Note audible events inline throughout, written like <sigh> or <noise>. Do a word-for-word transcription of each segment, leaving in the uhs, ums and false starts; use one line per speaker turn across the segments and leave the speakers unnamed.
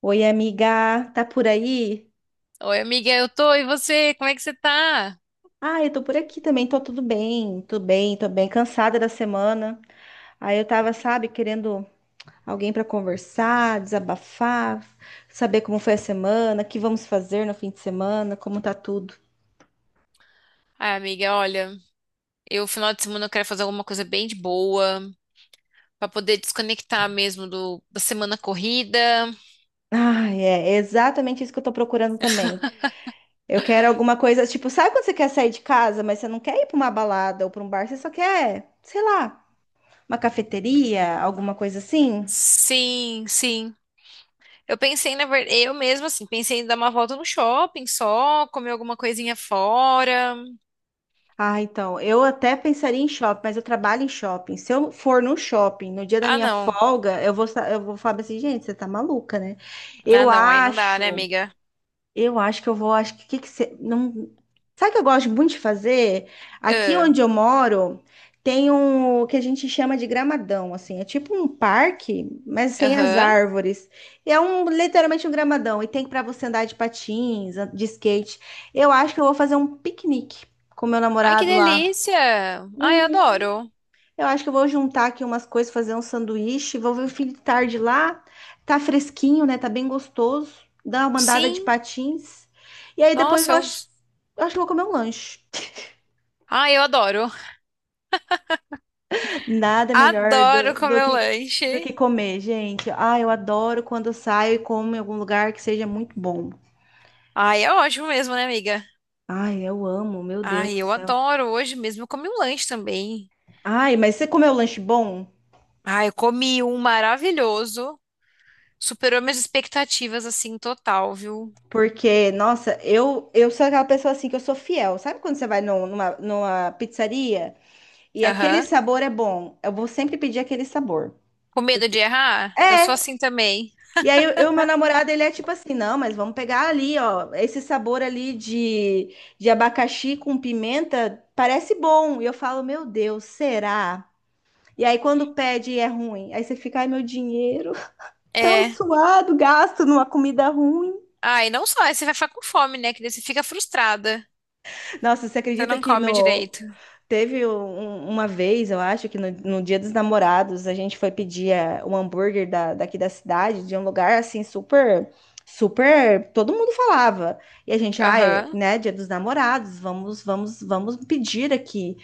Oi, amiga, tá por aí?
Oi, amiga, eu tô. E você? Como é que você tá?
Ah, eu tô por aqui também, tô tudo bem, tô bem, tô bem, cansada da semana. Aí eu tava, sabe, querendo alguém pra conversar, desabafar, saber como foi a semana, o que vamos fazer no fim de semana, como tá tudo.
Ah, amiga, olha, eu final de semana eu quero fazer alguma coisa bem de boa, pra poder desconectar mesmo do, da semana corrida.
Ah, é é exatamente isso que eu tô procurando também. Eu quero alguma coisa, tipo, sabe quando você quer sair de casa, mas você não quer ir pra uma balada ou pra um bar, você só quer, sei lá, uma cafeteria, alguma coisa assim?
Sim, sim. Eu pensei, na verdade, eu mesma, assim, pensei em dar uma volta no shopping só, comer alguma coisinha fora.
Ah, então, eu até pensaria em shopping, mas eu trabalho em shopping. Se eu for no shopping no dia da
Ah,
minha
não.
folga, eu vou, sa- eu vou falar assim, gente, você tá maluca, né?
Ah,
Eu
não, aí não dá, né,
acho,
amiga?
eu acho que eu vou, acho que, que, que você, não, sabe o que eu gosto muito de fazer? Aqui
Ah,
onde eu moro, tem um o que a gente chama de gramadão, assim, é tipo um parque, mas sem as
aham.
árvores. É um literalmente um gramadão e tem para você andar de patins, de skate. Eu acho que eu vou fazer um piquenique com meu
Ai, que
namorado lá.
delícia! Ai, eu
Uhum.
adoro.
Eu acho que eu vou juntar aqui umas coisas, fazer um sanduíche. Vou ver o filho de tarde lá. Tá fresquinho, né? Tá bem gostoso. Dá uma andada de
Sim,
patins. E aí depois eu
nossa, eu.
acho, eu acho que eu vou comer um lanche. <laughs>
Ai, eu adoro. <laughs>
Nada melhor
Adoro
do, do
comer
que, do
lanche.
que comer, gente. Ah, eu adoro quando eu saio e como em algum lugar que seja muito bom.
Ai, é ótimo mesmo, né, amiga?
Ai, eu amo, meu Deus
Ai,
do
eu
céu.
adoro. Hoje mesmo eu comi um lanche também.
Ai, mas você comeu lanche bom?
Ai, eu comi um maravilhoso. Superou minhas expectativas, assim, total, viu?
Porque, nossa, eu, eu sou aquela pessoa assim que eu sou fiel. Sabe quando você vai num- numa, numa pizzaria? E aquele
Aham.
sabor é bom. Eu vou sempre pedir aquele sabor.
Com medo de errar? Eu sou
É.
assim também.
E aí, eu, eu- meu namorado, ele é tipo assim, não, mas vamos pegar ali, ó, esse sabor ali de, de abacaxi com pimenta, parece bom. E eu falo, meu Deus, será? E aí, quando pede, é ruim. Aí você fica, ai, meu dinheiro, <laughs> tão
É.
suado, gasto numa comida ruim.
Ai, não só, aí você vai ficar com fome, né? Que daí você fica frustrada.
Nossa, você
Você
acredita
não
que
come
no,
direito.
teve um- um, uma vez, eu acho, que no, no Dia dos Namorados, a gente foi pedir eh, um hambúrguer da, daqui da cidade, de um lugar assim super, super, todo mundo falava. E a gente, ah, é,
Aham.
né, Dia dos Namorados, vamos, vamos, vamos pedir aqui.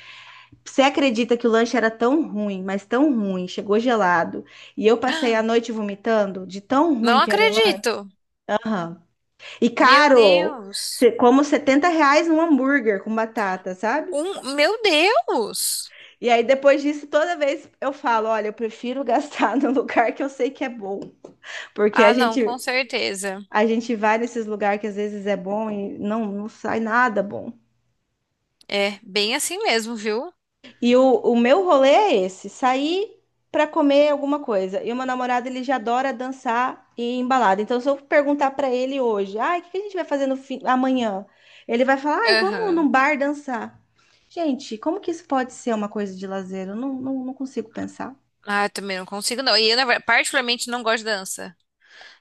Você acredita que o lanche era tão ruim, mas tão ruim, chegou gelado. E eu passei a noite vomitando de tão
Não
ruim que era o lanche.
acredito.
Aham. E
Meu
caro,
Deus.
cê- como setenta reais um hambúrguer com batata, sabe?
Um, meu Deus!
E aí, depois disso, toda vez eu falo: olha, eu prefiro <laughs> gastar no lugar que eu sei que é bom. Porque a
Ah, não, com
gente,
certeza.
a gente vai nesses lugares que às vezes é bom e não, não sai nada bom.
É, bem assim mesmo, viu?
E o, o meu rolê é esse: sair para comer alguma coisa. E o meu namorado, ele já adora dançar e embalada. Então, se eu perguntar para ele hoje: ai, o que que a gente vai fazer no fim, amanhã? Ele vai falar: ai, vamos num
Aham.
bar dançar. Gente, como que isso pode ser uma coisa de lazer? Eu não, não, não consigo pensar.
Ah, eu também não consigo, não. E eu, na verdade, particularmente, não gosto de dança.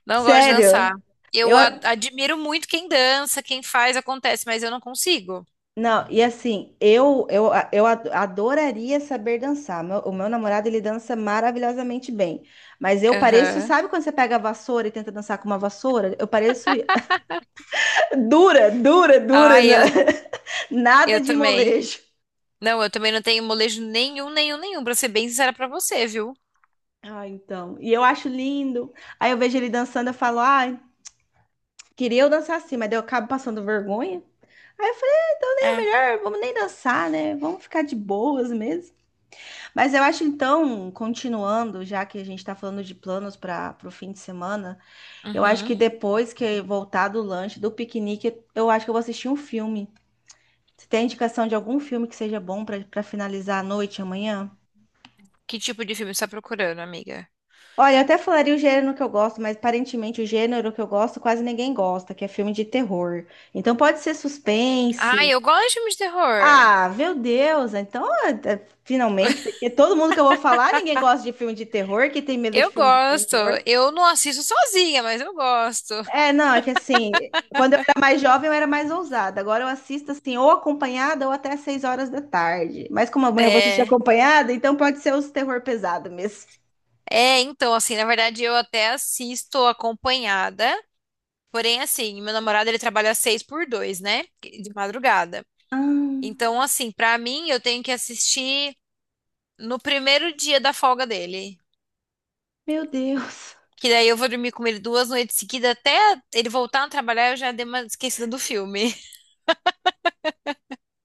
Não gosto de dançar.
Sério. Eu,
Eu a- admiro muito quem dança, quem faz, acontece, mas eu não consigo.
Não, e assim, eu, eu, eu ad- adoraria saber dançar. Meu- o meu namorado, ele dança maravilhosamente bem. Mas eu pareço,
Aham.
sabe quando você pega a vassoura e tenta dançar com uma vassoura? Eu pareço <laughs> dura, dura, dura,
Ah,
né?
eu,
<laughs> Nada
eu
de
também.
molejo.
Não, eu também não tenho molejo nenhum, nenhum, nenhum, pra ser bem sincera pra você, viu?
Ah, então. E eu acho lindo. Aí eu vejo ele dançando, eu falo, ai, queria eu dançar assim, mas daí eu acabo passando vergonha. Aí eu falei, "Ah, então nem é
É.
melhor, vamos nem dançar, né? Vamos ficar de boas mesmo." Mas eu acho então, continuando, já que a gente está falando de planos para o fim de semana, eu acho que
Uhum.
depois que voltar do lanche, do piquenique, eu acho que eu vou assistir um filme. Você tem indicação de algum filme que seja bom para para finalizar a noite amanhã?
Que tipo de filme você tá procurando, amiga?
Olha, eu até falaria o gênero que eu gosto, mas aparentemente o gênero que eu gosto quase ninguém gosta, que é filme de terror. Então pode ser
Ah,
suspense.
eu gosto de filme de terror.
Ah, meu Deus! Então, é- é- finalmente, porque todo mundo que eu vou falar, ninguém gosta de filme de terror, que tem medo de
Eu
filme de
gosto.
terror.
Eu não assisto sozinha, mas eu gosto.
É, não, é que assim, quando eu era mais jovem, eu era mais ousada. Agora eu assisto assim, ou acompanhada ou até às seis horas da tarde. Mas como amanhã eu vou assistir
É.
acompanhada, então pode ser os terror pesado mesmo.
É, então, assim, na verdade, eu até assisto acompanhada. Porém, assim, meu namorado ele trabalha seis por dois, né? De madrugada.
Ah,
Então, assim, pra mim, eu tenho que assistir no primeiro dia da folga dele.
meu Deus.
Que daí eu vou dormir com ele duas noites seguidas até ele voltar a trabalhar, eu já dei uma esquecida do filme. <laughs>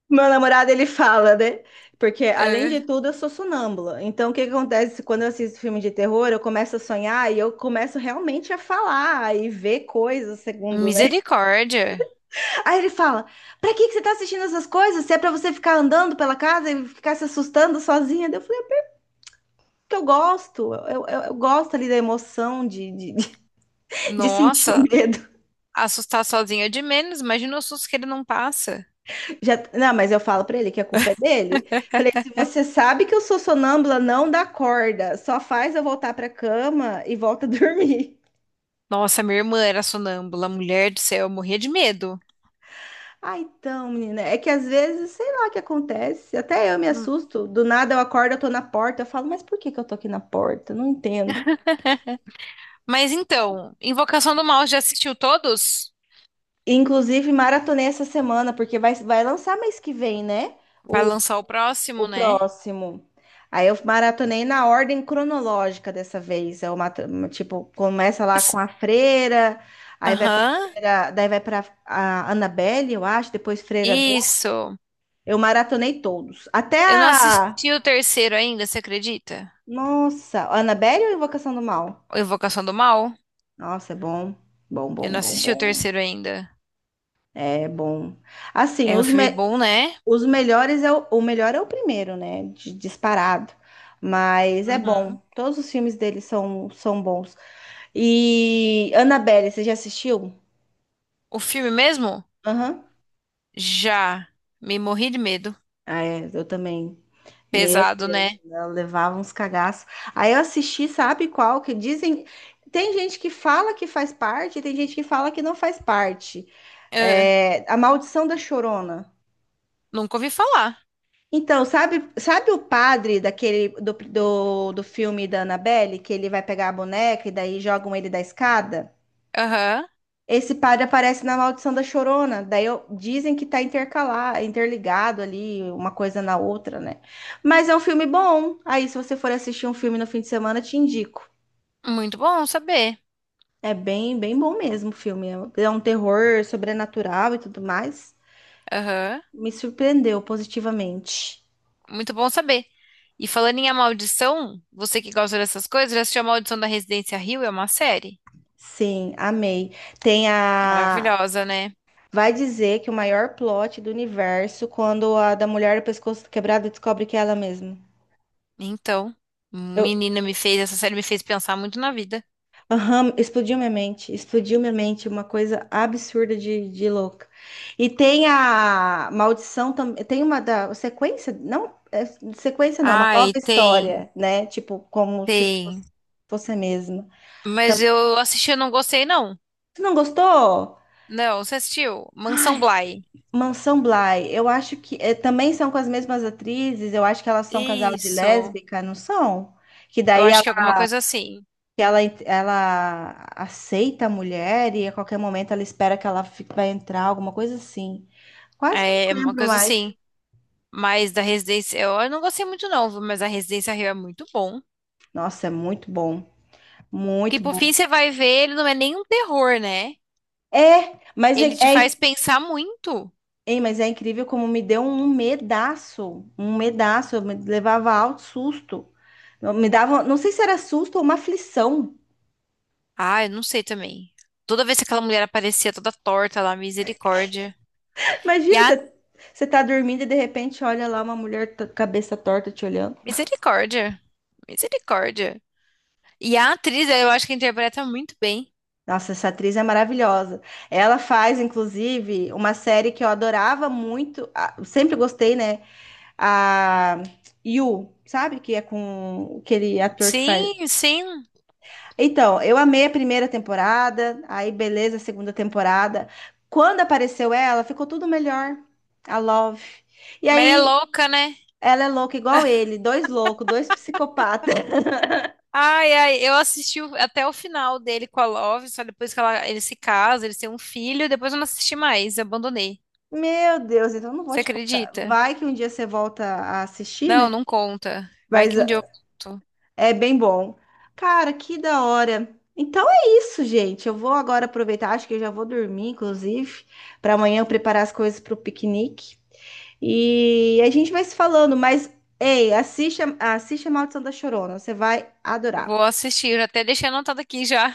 Meu namorado, ele fala, né? Porque, além
É.
de tudo, eu sou sonâmbula. Então, o que que acontece quando eu assisto filme de terror? Eu começo a sonhar e eu começo realmente a falar e ver coisas, segundo, né?
Misericórdia.
<laughs> Aí ele fala: pra que que você tá assistindo essas coisas? Se é pra você ficar andando pela casa e ficar se assustando sozinha? Daí Eu que eu gosto, eu, eu, eu gosto ali da emoção de, de, <laughs> de sentir o
Nossa,
medo.
assustar sozinha é de menos. Imagina o susto que ele não passa.
Já, não, mas eu falo pra ele que a culpa é dele. Falei, se você sabe que eu sou sonâmbula, não dá corda, só faz eu voltar pra cama e volta a <laughs> dormir.
Nossa, minha irmã era sonâmbula, mulher do céu, eu morria de medo.
Ah, então, menina, é que às vezes, sei lá o que acontece, até eu me
Hum.
assusto, do nada eu acordo, eu tô na porta, eu falo, mas por que que eu tô aqui na porta? Não entendo.
Mas então, Invocação do Mal já assistiu todos?
Inclusive, maratonei essa semana, porque vai, vai lançar mês que vem, né?
Vai lançar o próximo,
O
né?
próximo. Aí eu maratonei na ordem cronológica dessa vez. Eu, mata- tipo, começa lá
S-
com a Freira, aí vai pra
aham,
Freira, daí vai pra a Annabelle, eu acho, depois Freira Dor.
isso.
Eu maratonei todos. Até
Eu não
a.
assisti o terceiro ainda, você acredita?
Nossa, a Annabelle ou Invocação do Mal?
O Invocação do Mal?
Nossa, é bom. Bom,
Eu
bom,
não
bom,
assisti o
bom.
terceiro ainda.
É bom. Assim,
É um
os,
filme
me-
bom, né?
os melhores é o... o melhor é o primeiro, né? De- Disparado. Mas é
Uhum.
bom. Todos os filmes dele são, são bons. E Annabelle, você já assistiu?
O filme mesmo?
Aham.
Já. Me morri de medo.
Ah, é, eu também. Meu
Pesado,
Deus,
né?
ela levava uns cagaços. Aí eu assisti, sabe qual? Que dizem. Tem gente que fala que faz parte, tem gente que fala que não faz parte.
Ah,
É, A Maldição da Chorona.
nunca ouvi falar.
Então, sabe, sabe o padre daquele do, do, do filme da Annabelle, que ele vai pegar a boneca e daí jogam ele da escada?
Aham.
Esse padre aparece na Maldição da Chorona. Daí eu- dizem que tá intercalado, interligado ali, uma coisa na outra, né? Mas é um filme bom. Aí, se você for assistir um filme no fim de semana, te indico.
Muito bom saber.
É bem, bem bom mesmo o filme. É um terror sobrenatural e tudo mais.
Aham.
Me surpreendeu positivamente.
Muito bom saber. E falando em A Maldição, você que gosta dessas coisas, já assistiu A Maldição da Residência Hill? É uma série
Sim, amei. Tem a.
maravilhosa, né?
Vai dizer que o maior plot do universo quando a da mulher do pescoço quebrado descobre que é ela mesma.
Então,
Eu
menina me fez, essa série me fez pensar muito na vida.
Aham, explodiu minha mente, explodiu minha mente, uma coisa absurda de, de louca. E tem a maldição também, tem uma da sequência, não, é, sequência não, uma nova
Ai, tem,
história, né? Tipo, como se fosse
tem.
você mesma.
Mas
Também.
eu assisti e não gostei, não.
Você não gostou?
Não, você assistiu? Mansão Bly.
Mansão Bly, eu acho que é, também são com as mesmas atrizes, eu acho que elas são casal de
Isso.
lésbica, não são? Que
Eu
daí
acho que é alguma coisa assim.
que ela, en- ela aceita a mulher e a qualquer momento ela espera que ela fi- vai entrar, alguma coisa assim. Quase que eu
É é
não
uma
lembro
coisa
mais.
assim. Mas da Residência, eu eu não gostei muito, não, viu? Mas a Residência Hill é muito bom.
Nossa, é muito bom,
Que
muito
por
bom.
fim você vai ver, ele não é nem um terror, né?
É, mas é,
Ele te
é,
faz pensar muito.
é, mas é incrível como me deu um medaço, um medaço, eu me levava alto susto. Eu Me dava, não sei se era susto ou uma aflição.
Ah, eu não sei também. Toda vez que aquela mulher aparecia toda torta lá, misericórdia. E
Imagina,
a
você, você tá dormindo e de repente olha lá uma mulher t- cabeça torta te olhando.
Misericórdia. Misericórdia. E a atriz, eu acho que interpreta muito bem.
Nossa, essa atriz é maravilhosa. Ela faz, inclusive, uma série que eu adorava muito, a- eu sempre gostei, né? A You, sabe? Que é com aquele ator que faz.
Sim, sim.
Então, eu amei a primeira temporada, aí beleza, a segunda temporada. Quando apareceu ela, ficou tudo melhor. A Love. E
Mas ela é
aí,
louca, né?
ela é louca igual ele, dois loucos, dois psicopatas. <laughs>
Ai, ai, eu assisti o- até o final dele com a Love, só depois que ela, eles se casam, eles têm um filho, depois eu não assisti mais, abandonei.
Meu Deus, então eu não vou
Você
te contar.
acredita?
Vai que um dia você volta a assistir, né?
Não, não conta. Vai
Mas
que um dia eu conto.
é bem bom. Cara, que da hora. Então é isso, gente. Eu vou agora aproveitar, acho que eu já vou dormir, inclusive, para amanhã eu preparar as coisas para o piquenique. E a gente vai se falando, mas ei, assiste a, assiste a Maldição da Chorona, você vai adorar.
Vou assistir, eu até deixei anotado aqui já.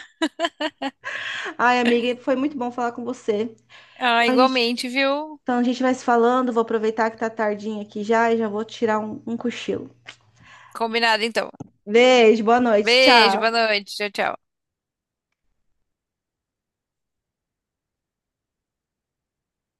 Ai, amiga, foi muito bom falar com você.
Ah,
Então a gente,
igualmente, viu?
então a gente vai se falando, vou aproveitar que tá tardinha aqui já e já vou tirar um um cochilo.
Combinado então.
Beijo, boa noite,
Beijo, boa
tchau.
noite, tchau, tchau.